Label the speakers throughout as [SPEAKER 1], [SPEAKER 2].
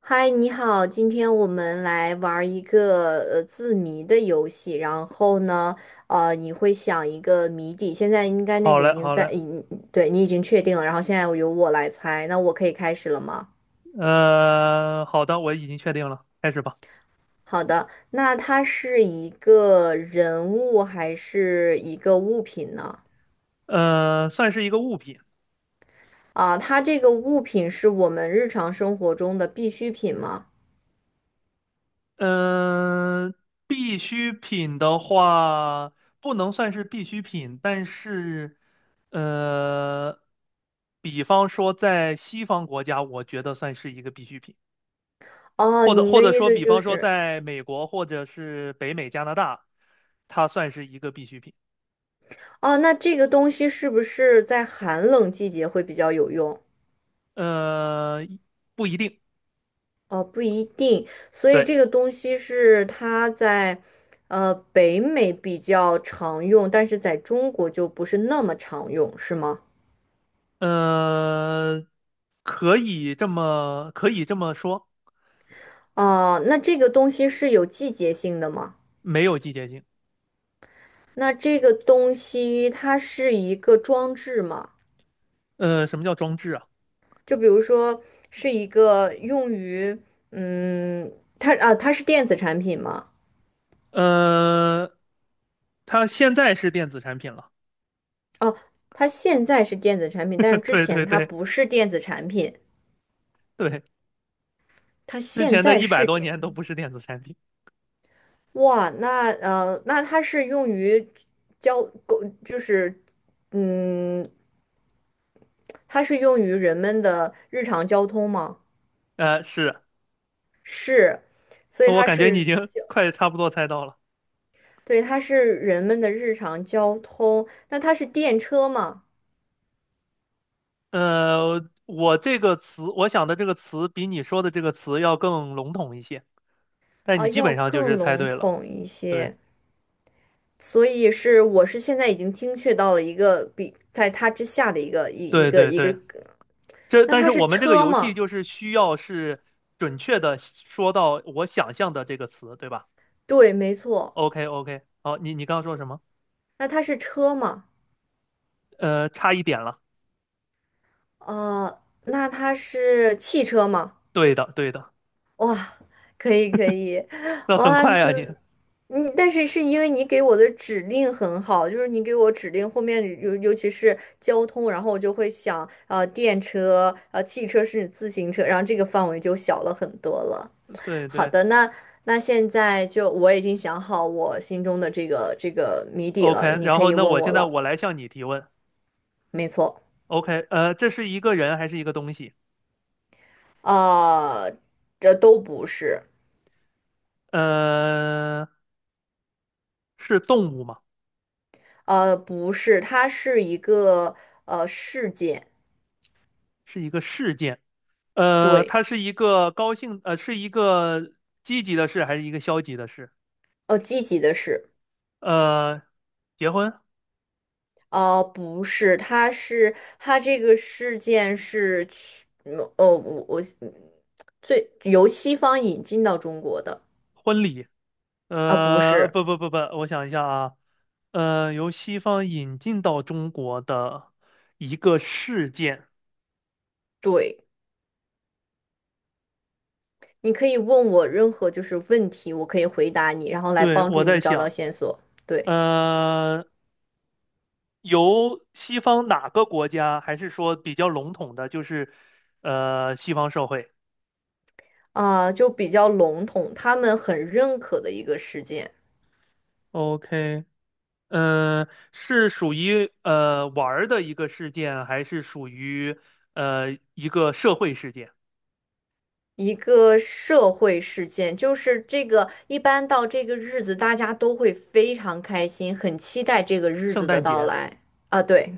[SPEAKER 1] 嗨，你好，今天我们来玩儿一个字谜的游戏。然后呢，你会想一个谜底，现在应该那
[SPEAKER 2] 好
[SPEAKER 1] 个
[SPEAKER 2] 嘞，
[SPEAKER 1] 已经
[SPEAKER 2] 好
[SPEAKER 1] 在，
[SPEAKER 2] 嘞，
[SPEAKER 1] 对你已经确定了。然后现在由我来猜，那我可以开始了吗？
[SPEAKER 2] 好的，我已经确定了，开始吧。
[SPEAKER 1] 好的，那它是一个人物还是一个物品呢？
[SPEAKER 2] 算是一个物品。
[SPEAKER 1] 啊，它这个物品是我们日常生活中的必需品吗？
[SPEAKER 2] 嗯、必需品的话不能算是必需品，但是，呃，比方说在西方国家，我觉得算是一个必需品，
[SPEAKER 1] 哦，
[SPEAKER 2] 或者
[SPEAKER 1] 你的意
[SPEAKER 2] 说，
[SPEAKER 1] 思
[SPEAKER 2] 比
[SPEAKER 1] 就
[SPEAKER 2] 方说
[SPEAKER 1] 是，
[SPEAKER 2] 在美国或者是北美、加拿大，它算是一个必需品。
[SPEAKER 1] 哦，那这个东西是不是在寒冷季节会比较有用？
[SPEAKER 2] 呃，不一定。
[SPEAKER 1] 哦，不一定，所以
[SPEAKER 2] 对。
[SPEAKER 1] 这个东西是它在，北美比较常用，但是在中国就不是那么常用，是吗？
[SPEAKER 2] 呃，可以这么说。
[SPEAKER 1] 哦，那这个东西是有季节性的吗？
[SPEAKER 2] 没有季节性。
[SPEAKER 1] 那这个东西它是一个装置吗？
[SPEAKER 2] 什么叫装置啊？
[SPEAKER 1] 就比如说是一个用于，嗯，它啊，它是电子产品吗？
[SPEAKER 2] 呃，它现在是电子产品了。
[SPEAKER 1] 哦，它现在是电子产品，但是 之
[SPEAKER 2] 对
[SPEAKER 1] 前
[SPEAKER 2] 对
[SPEAKER 1] 它
[SPEAKER 2] 对
[SPEAKER 1] 不是电子产品，
[SPEAKER 2] 对，
[SPEAKER 1] 它
[SPEAKER 2] 之
[SPEAKER 1] 现
[SPEAKER 2] 前的
[SPEAKER 1] 在
[SPEAKER 2] 一百
[SPEAKER 1] 是
[SPEAKER 2] 多
[SPEAKER 1] 电。
[SPEAKER 2] 年都不是电子产品。
[SPEAKER 1] 哇，那那它是用于交沟，狗就是嗯，它是用于人们的日常交通吗？
[SPEAKER 2] 是，
[SPEAKER 1] 是，所以
[SPEAKER 2] 我
[SPEAKER 1] 它
[SPEAKER 2] 感觉你已
[SPEAKER 1] 是，
[SPEAKER 2] 经 快差不多猜到了。
[SPEAKER 1] 对，它是人们的日常交通。那它是电车吗？
[SPEAKER 2] 我这个词，我想的这个词比你说的这个词要更笼统一些，但你
[SPEAKER 1] 啊，
[SPEAKER 2] 基
[SPEAKER 1] 要
[SPEAKER 2] 本上就是
[SPEAKER 1] 更
[SPEAKER 2] 猜
[SPEAKER 1] 笼
[SPEAKER 2] 对了。
[SPEAKER 1] 统一
[SPEAKER 2] 对
[SPEAKER 1] 些。所以是，我是现在已经精确到了一个比在它之下的一个一一
[SPEAKER 2] 对
[SPEAKER 1] 个
[SPEAKER 2] 对
[SPEAKER 1] 一个。
[SPEAKER 2] 对。这
[SPEAKER 1] 那
[SPEAKER 2] 但
[SPEAKER 1] 它
[SPEAKER 2] 是我
[SPEAKER 1] 是
[SPEAKER 2] 们这个
[SPEAKER 1] 车
[SPEAKER 2] 游戏
[SPEAKER 1] 吗？
[SPEAKER 2] 就是需要是准确的说到我想象的这个词，对吧
[SPEAKER 1] 对，没错。
[SPEAKER 2] ？OK OK，好，你刚刚说什么？
[SPEAKER 1] 那它是车吗？
[SPEAKER 2] 差一点了。
[SPEAKER 1] 哦，那它是汽车吗？
[SPEAKER 2] 对的对的，
[SPEAKER 1] 哇，可以可以，
[SPEAKER 2] 那很
[SPEAKER 1] 哇，
[SPEAKER 2] 快
[SPEAKER 1] 这
[SPEAKER 2] 啊你。
[SPEAKER 1] 你但是是因为你给我的指令很好，就是你给我指令后面尤其是交通，然后我就会想，电车、汽车自行车，然后这个范围就小了很多了。
[SPEAKER 2] 对
[SPEAKER 1] 好
[SPEAKER 2] 对，
[SPEAKER 1] 的，那那现在就我已经想好我心中的这个谜底了，
[SPEAKER 2] OK。
[SPEAKER 1] 你
[SPEAKER 2] 然
[SPEAKER 1] 可
[SPEAKER 2] 后
[SPEAKER 1] 以
[SPEAKER 2] 那
[SPEAKER 1] 问
[SPEAKER 2] 我
[SPEAKER 1] 我
[SPEAKER 2] 现在
[SPEAKER 1] 了。
[SPEAKER 2] 我来向你提问。
[SPEAKER 1] 没错，
[SPEAKER 2] OK，这是一个人还是一个东西？
[SPEAKER 1] 呃，这都不是。
[SPEAKER 2] 呃，是动物吗？
[SPEAKER 1] 不是，它是一个事件，
[SPEAKER 2] 是一个事件？
[SPEAKER 1] 对，
[SPEAKER 2] 它是一个高兴，是一个积极的事还是一个消极的事？
[SPEAKER 1] 积极的事，
[SPEAKER 2] 呃，结婚、
[SPEAKER 1] 不是，它是它这个事件是去，嗯呃，我我嗯最由西方引进到中国的，
[SPEAKER 2] 婚礼。
[SPEAKER 1] 啊、不
[SPEAKER 2] 呃，
[SPEAKER 1] 是，
[SPEAKER 2] 不不不不，我想一下啊，由西方引进到中国的一个事件，
[SPEAKER 1] 对，你可以问我任何就是问题，我可以回答你，然后来
[SPEAKER 2] 对，
[SPEAKER 1] 帮
[SPEAKER 2] 我
[SPEAKER 1] 助你
[SPEAKER 2] 在
[SPEAKER 1] 找到
[SPEAKER 2] 想，
[SPEAKER 1] 线索，对，
[SPEAKER 2] 呃，由西方哪个国家，还是说比较笼统的，就是西方社会
[SPEAKER 1] 啊、就比较笼统，他们很认可的一个事件。
[SPEAKER 2] ？OK。嗯、是属于呃玩儿的一个事件，还是属于一个社会事件？
[SPEAKER 1] 一个社会事件，就是这个一般到这个日子，大家都会非常开心，很期待这个日
[SPEAKER 2] 圣
[SPEAKER 1] 子的
[SPEAKER 2] 诞
[SPEAKER 1] 到
[SPEAKER 2] 节
[SPEAKER 1] 来啊。对，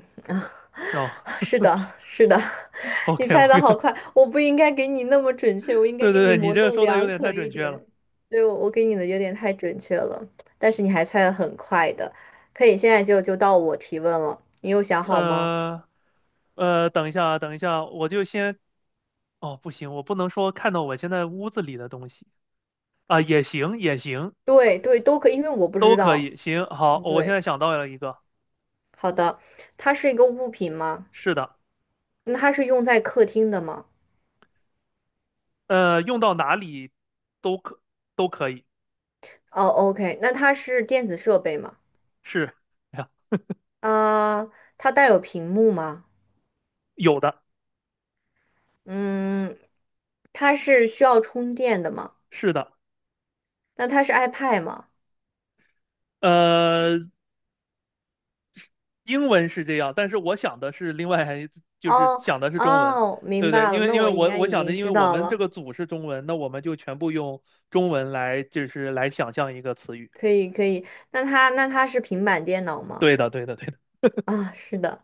[SPEAKER 1] 是的，是的，你
[SPEAKER 2] ？No，OK
[SPEAKER 1] 猜的
[SPEAKER 2] OK，
[SPEAKER 1] 好快，我不应该给你那么准确，我 应该
[SPEAKER 2] 对
[SPEAKER 1] 给
[SPEAKER 2] 对
[SPEAKER 1] 你
[SPEAKER 2] 对，你
[SPEAKER 1] 模
[SPEAKER 2] 这个
[SPEAKER 1] 棱
[SPEAKER 2] 说的有
[SPEAKER 1] 两
[SPEAKER 2] 点太
[SPEAKER 1] 可
[SPEAKER 2] 准
[SPEAKER 1] 一
[SPEAKER 2] 确了。
[SPEAKER 1] 点。对，我给你的有点太准确了，但是你还猜的很快的，可以现在就到我提问了，你有想好吗？
[SPEAKER 2] 呃等一下啊，等一下，我就先，哦，不行，我不能说看到我现在屋子里的东西。啊，也行，也行，
[SPEAKER 1] 对对，都可以，因为我不知
[SPEAKER 2] 都可
[SPEAKER 1] 道。
[SPEAKER 2] 以，行，好，
[SPEAKER 1] 嗯，
[SPEAKER 2] 我现
[SPEAKER 1] 对，
[SPEAKER 2] 在想到了一个。
[SPEAKER 1] 好的，它是一个物品吗？
[SPEAKER 2] 是的。
[SPEAKER 1] 那它是用在客厅的吗？
[SPEAKER 2] 用到哪里都可都可以。
[SPEAKER 1] 哦，OK，那它是电子设备吗？
[SPEAKER 2] 是。
[SPEAKER 1] 啊，它带有屏幕吗？
[SPEAKER 2] 有的。
[SPEAKER 1] 嗯，它是需要充电的吗？
[SPEAKER 2] 是的。
[SPEAKER 1] 那它是 iPad 吗？
[SPEAKER 2] 呃，英文是这样，但是我想的是另外，就是
[SPEAKER 1] 哦
[SPEAKER 2] 想的是中文，
[SPEAKER 1] 哦，
[SPEAKER 2] 对
[SPEAKER 1] 明
[SPEAKER 2] 不对？
[SPEAKER 1] 白了，
[SPEAKER 2] 因为
[SPEAKER 1] 那我应
[SPEAKER 2] 我
[SPEAKER 1] 该
[SPEAKER 2] 我
[SPEAKER 1] 已
[SPEAKER 2] 想着，
[SPEAKER 1] 经
[SPEAKER 2] 因为
[SPEAKER 1] 知
[SPEAKER 2] 我
[SPEAKER 1] 道
[SPEAKER 2] 们这
[SPEAKER 1] 了，
[SPEAKER 2] 个组是中文，那我们就全部用中文来，就是来想象一个词语。
[SPEAKER 1] 可以可以。那它是平板电脑吗？
[SPEAKER 2] 对的，对的，对的。
[SPEAKER 1] 啊，是的，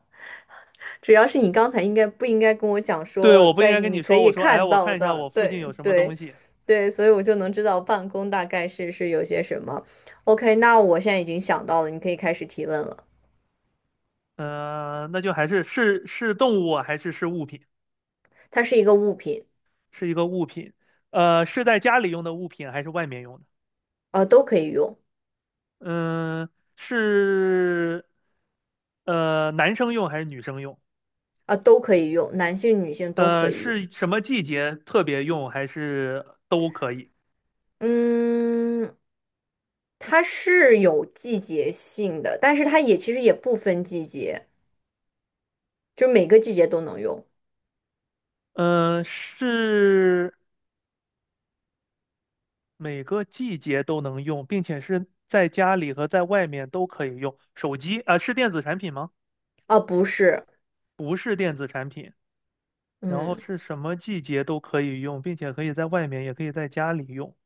[SPEAKER 1] 主要是你刚才应该不应该跟我讲
[SPEAKER 2] 对，
[SPEAKER 1] 说，
[SPEAKER 2] 我不应
[SPEAKER 1] 在
[SPEAKER 2] 该跟
[SPEAKER 1] 你
[SPEAKER 2] 你
[SPEAKER 1] 可
[SPEAKER 2] 说，我
[SPEAKER 1] 以
[SPEAKER 2] 说，哎，
[SPEAKER 1] 看
[SPEAKER 2] 我
[SPEAKER 1] 到
[SPEAKER 2] 看一下
[SPEAKER 1] 的，
[SPEAKER 2] 我附近有
[SPEAKER 1] 对
[SPEAKER 2] 什么
[SPEAKER 1] 对。
[SPEAKER 2] 东西。
[SPEAKER 1] 对，所以我就能知道办公大概是有些什么。OK，那我现在已经想到了，你可以开始提问了。
[SPEAKER 2] 嗯，那就还是是动物啊还是是物品？
[SPEAKER 1] 它是一个物品，
[SPEAKER 2] 是一个物品。是在家里用的物品还是外面用的？
[SPEAKER 1] 啊、都可以用，
[SPEAKER 2] 嗯，是。男生用还是女生用？
[SPEAKER 1] 啊、都可以用，男性、女性都可以。
[SPEAKER 2] 是什么季节特别用，还是都可以？
[SPEAKER 1] 嗯，它是有季节性的，但是它也其实也不分季节，就每个季节都能用。
[SPEAKER 2] 嗯、是每个季节都能用，并且是在家里和在外面都可以用。手机啊、是电子产品吗？
[SPEAKER 1] 啊、不是，
[SPEAKER 2] 不是电子产品。然后
[SPEAKER 1] 嗯，
[SPEAKER 2] 是什么季节都可以用，并且可以在外面，也可以在家里用。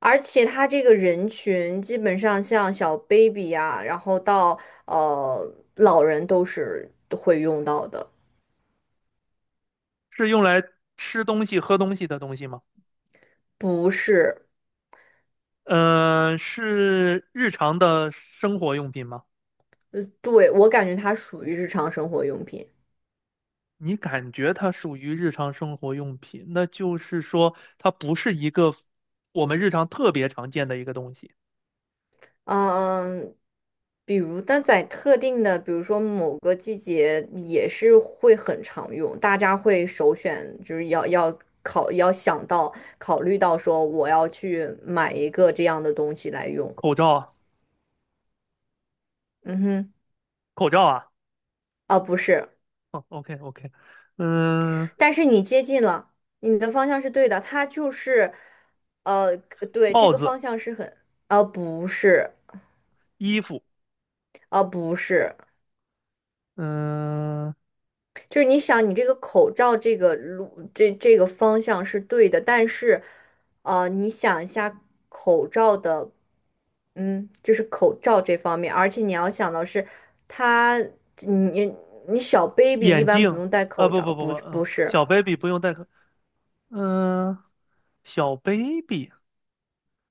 [SPEAKER 1] 而且它这个人群基本上像小 baby 呀、然后到老人都是会用到的。
[SPEAKER 2] 是用来吃东西、喝东西的东西吗？
[SPEAKER 1] 不是，
[SPEAKER 2] 嗯、是日常的生活用品吗？
[SPEAKER 1] 对，我感觉它属于日常生活用品。
[SPEAKER 2] 你感觉它属于日常生活用品，那就是说它不是一个我们日常特别常见的一个东西。
[SPEAKER 1] 嗯，比如，但在特定的，比如说某个季节，也是会很常用，大家会首选，就是要想到考虑到说我要去买一个这样的东西来用。
[SPEAKER 2] 口罩啊。
[SPEAKER 1] 嗯哼，
[SPEAKER 2] 口罩啊。
[SPEAKER 1] 啊，不是，
[SPEAKER 2] 哦，OK OK。嗯，
[SPEAKER 1] 但是你接近了，你的方向是对的，它就是，对，这
[SPEAKER 2] 帽
[SPEAKER 1] 个方
[SPEAKER 2] 子、
[SPEAKER 1] 向是很，啊，不是，
[SPEAKER 2] 衣服。
[SPEAKER 1] 啊，不是。
[SPEAKER 2] 嗯，
[SPEAKER 1] 就是你想，你这个口罩这个路这这个方向是对的，但是，你想一下口罩的，嗯，就是口罩这方面，而且你要想到是它，你你小 baby 一
[SPEAKER 2] 眼
[SPEAKER 1] 般不
[SPEAKER 2] 镜。
[SPEAKER 1] 用戴
[SPEAKER 2] 啊，
[SPEAKER 1] 口
[SPEAKER 2] 不
[SPEAKER 1] 罩，
[SPEAKER 2] 不不不，
[SPEAKER 1] 不是，
[SPEAKER 2] 小 baby 不用戴口。嗯，小 baby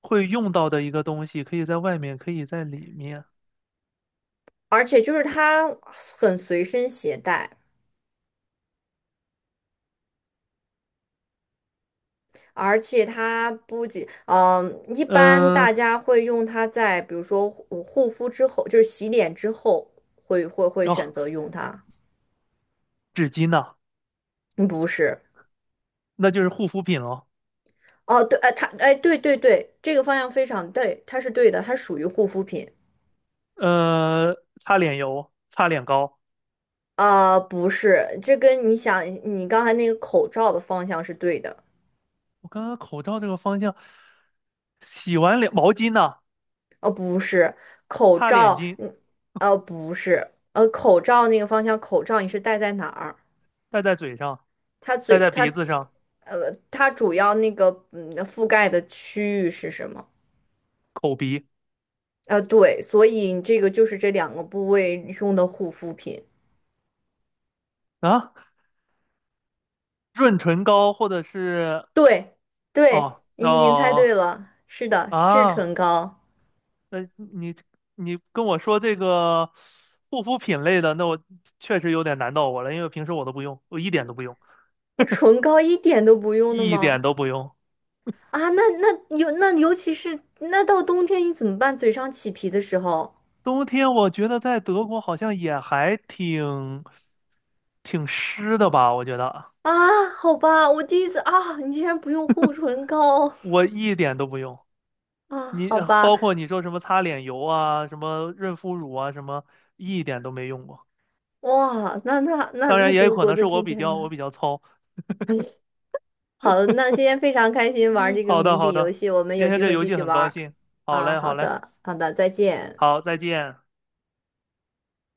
[SPEAKER 2] 会用到的一个东西，可以在外面，可以在里面。
[SPEAKER 1] 而且就是它很随身携带。而且它不仅，嗯、一般
[SPEAKER 2] 嗯。
[SPEAKER 1] 大家会用它在，比如说护肤之后，就是洗脸之后，会选
[SPEAKER 2] 哦，
[SPEAKER 1] 择用它。
[SPEAKER 2] 纸巾呐、
[SPEAKER 1] 嗯，不是。
[SPEAKER 2] 那就是护肤品喽。
[SPEAKER 1] 哦，对，哎，它，哎，对对对，这个方向非常对，它是对的，它属于护肤品。
[SPEAKER 2] 呃，擦脸油、擦脸膏。
[SPEAKER 1] 啊、不是，这跟你想你刚才那个口罩的方向是对的。
[SPEAKER 2] 我刚刚口罩这个方向，洗完脸毛巾呢，
[SPEAKER 1] 哦，不是，口
[SPEAKER 2] 擦脸
[SPEAKER 1] 罩，
[SPEAKER 2] 巾
[SPEAKER 1] 嗯，哦，不是，口罩那个方向，口罩你是戴在哪儿？
[SPEAKER 2] 戴在嘴上，
[SPEAKER 1] 它
[SPEAKER 2] 戴
[SPEAKER 1] 嘴，
[SPEAKER 2] 在
[SPEAKER 1] 它，
[SPEAKER 2] 鼻子上，
[SPEAKER 1] 它主要那个，嗯，覆盖的区域是什么？
[SPEAKER 2] 口鼻。
[SPEAKER 1] 对，所以这个就是这两个部位用的护肤品。
[SPEAKER 2] 啊，润唇膏或者是。
[SPEAKER 1] 对，对，
[SPEAKER 2] 哦
[SPEAKER 1] 你已经猜
[SPEAKER 2] 哦。
[SPEAKER 1] 对了，是的，是唇
[SPEAKER 2] 啊，
[SPEAKER 1] 膏。
[SPEAKER 2] 那你跟我说这个护肤品类的，那我确实有点难到我了，因为平时我都不用，我一点都不用。
[SPEAKER 1] 你唇膏一点都不用的
[SPEAKER 2] 一点
[SPEAKER 1] 吗？
[SPEAKER 2] 都不用。
[SPEAKER 1] 啊，那尤其是那到冬天你怎么办？嘴上起皮的时候
[SPEAKER 2] 冬天我觉得在德国好像也还挺湿的吧，我觉得
[SPEAKER 1] 啊，好吧，我第一次啊，你竟然不用护唇膏
[SPEAKER 2] 我一点都不用。
[SPEAKER 1] 啊，
[SPEAKER 2] 你
[SPEAKER 1] 好吧，
[SPEAKER 2] 包括你说什么擦脸油啊，什么润肤乳啊，什么一点都没用过。
[SPEAKER 1] 哇，那那那
[SPEAKER 2] 当然
[SPEAKER 1] 那
[SPEAKER 2] 也有
[SPEAKER 1] 德
[SPEAKER 2] 可
[SPEAKER 1] 国
[SPEAKER 2] 能是
[SPEAKER 1] 的天气还
[SPEAKER 2] 我
[SPEAKER 1] 蛮
[SPEAKER 2] 比较糙。
[SPEAKER 1] 好。那今天非常开心玩这个
[SPEAKER 2] 好的
[SPEAKER 1] 谜
[SPEAKER 2] 好
[SPEAKER 1] 底游
[SPEAKER 2] 的，
[SPEAKER 1] 戏，我们
[SPEAKER 2] 今
[SPEAKER 1] 有
[SPEAKER 2] 天
[SPEAKER 1] 机
[SPEAKER 2] 这
[SPEAKER 1] 会
[SPEAKER 2] 游
[SPEAKER 1] 继
[SPEAKER 2] 戏
[SPEAKER 1] 续
[SPEAKER 2] 很
[SPEAKER 1] 玩
[SPEAKER 2] 高
[SPEAKER 1] 儿
[SPEAKER 2] 兴。好
[SPEAKER 1] 啊。
[SPEAKER 2] 嘞
[SPEAKER 1] 好
[SPEAKER 2] 好嘞，
[SPEAKER 1] 的，好的，再见。
[SPEAKER 2] 好，再见。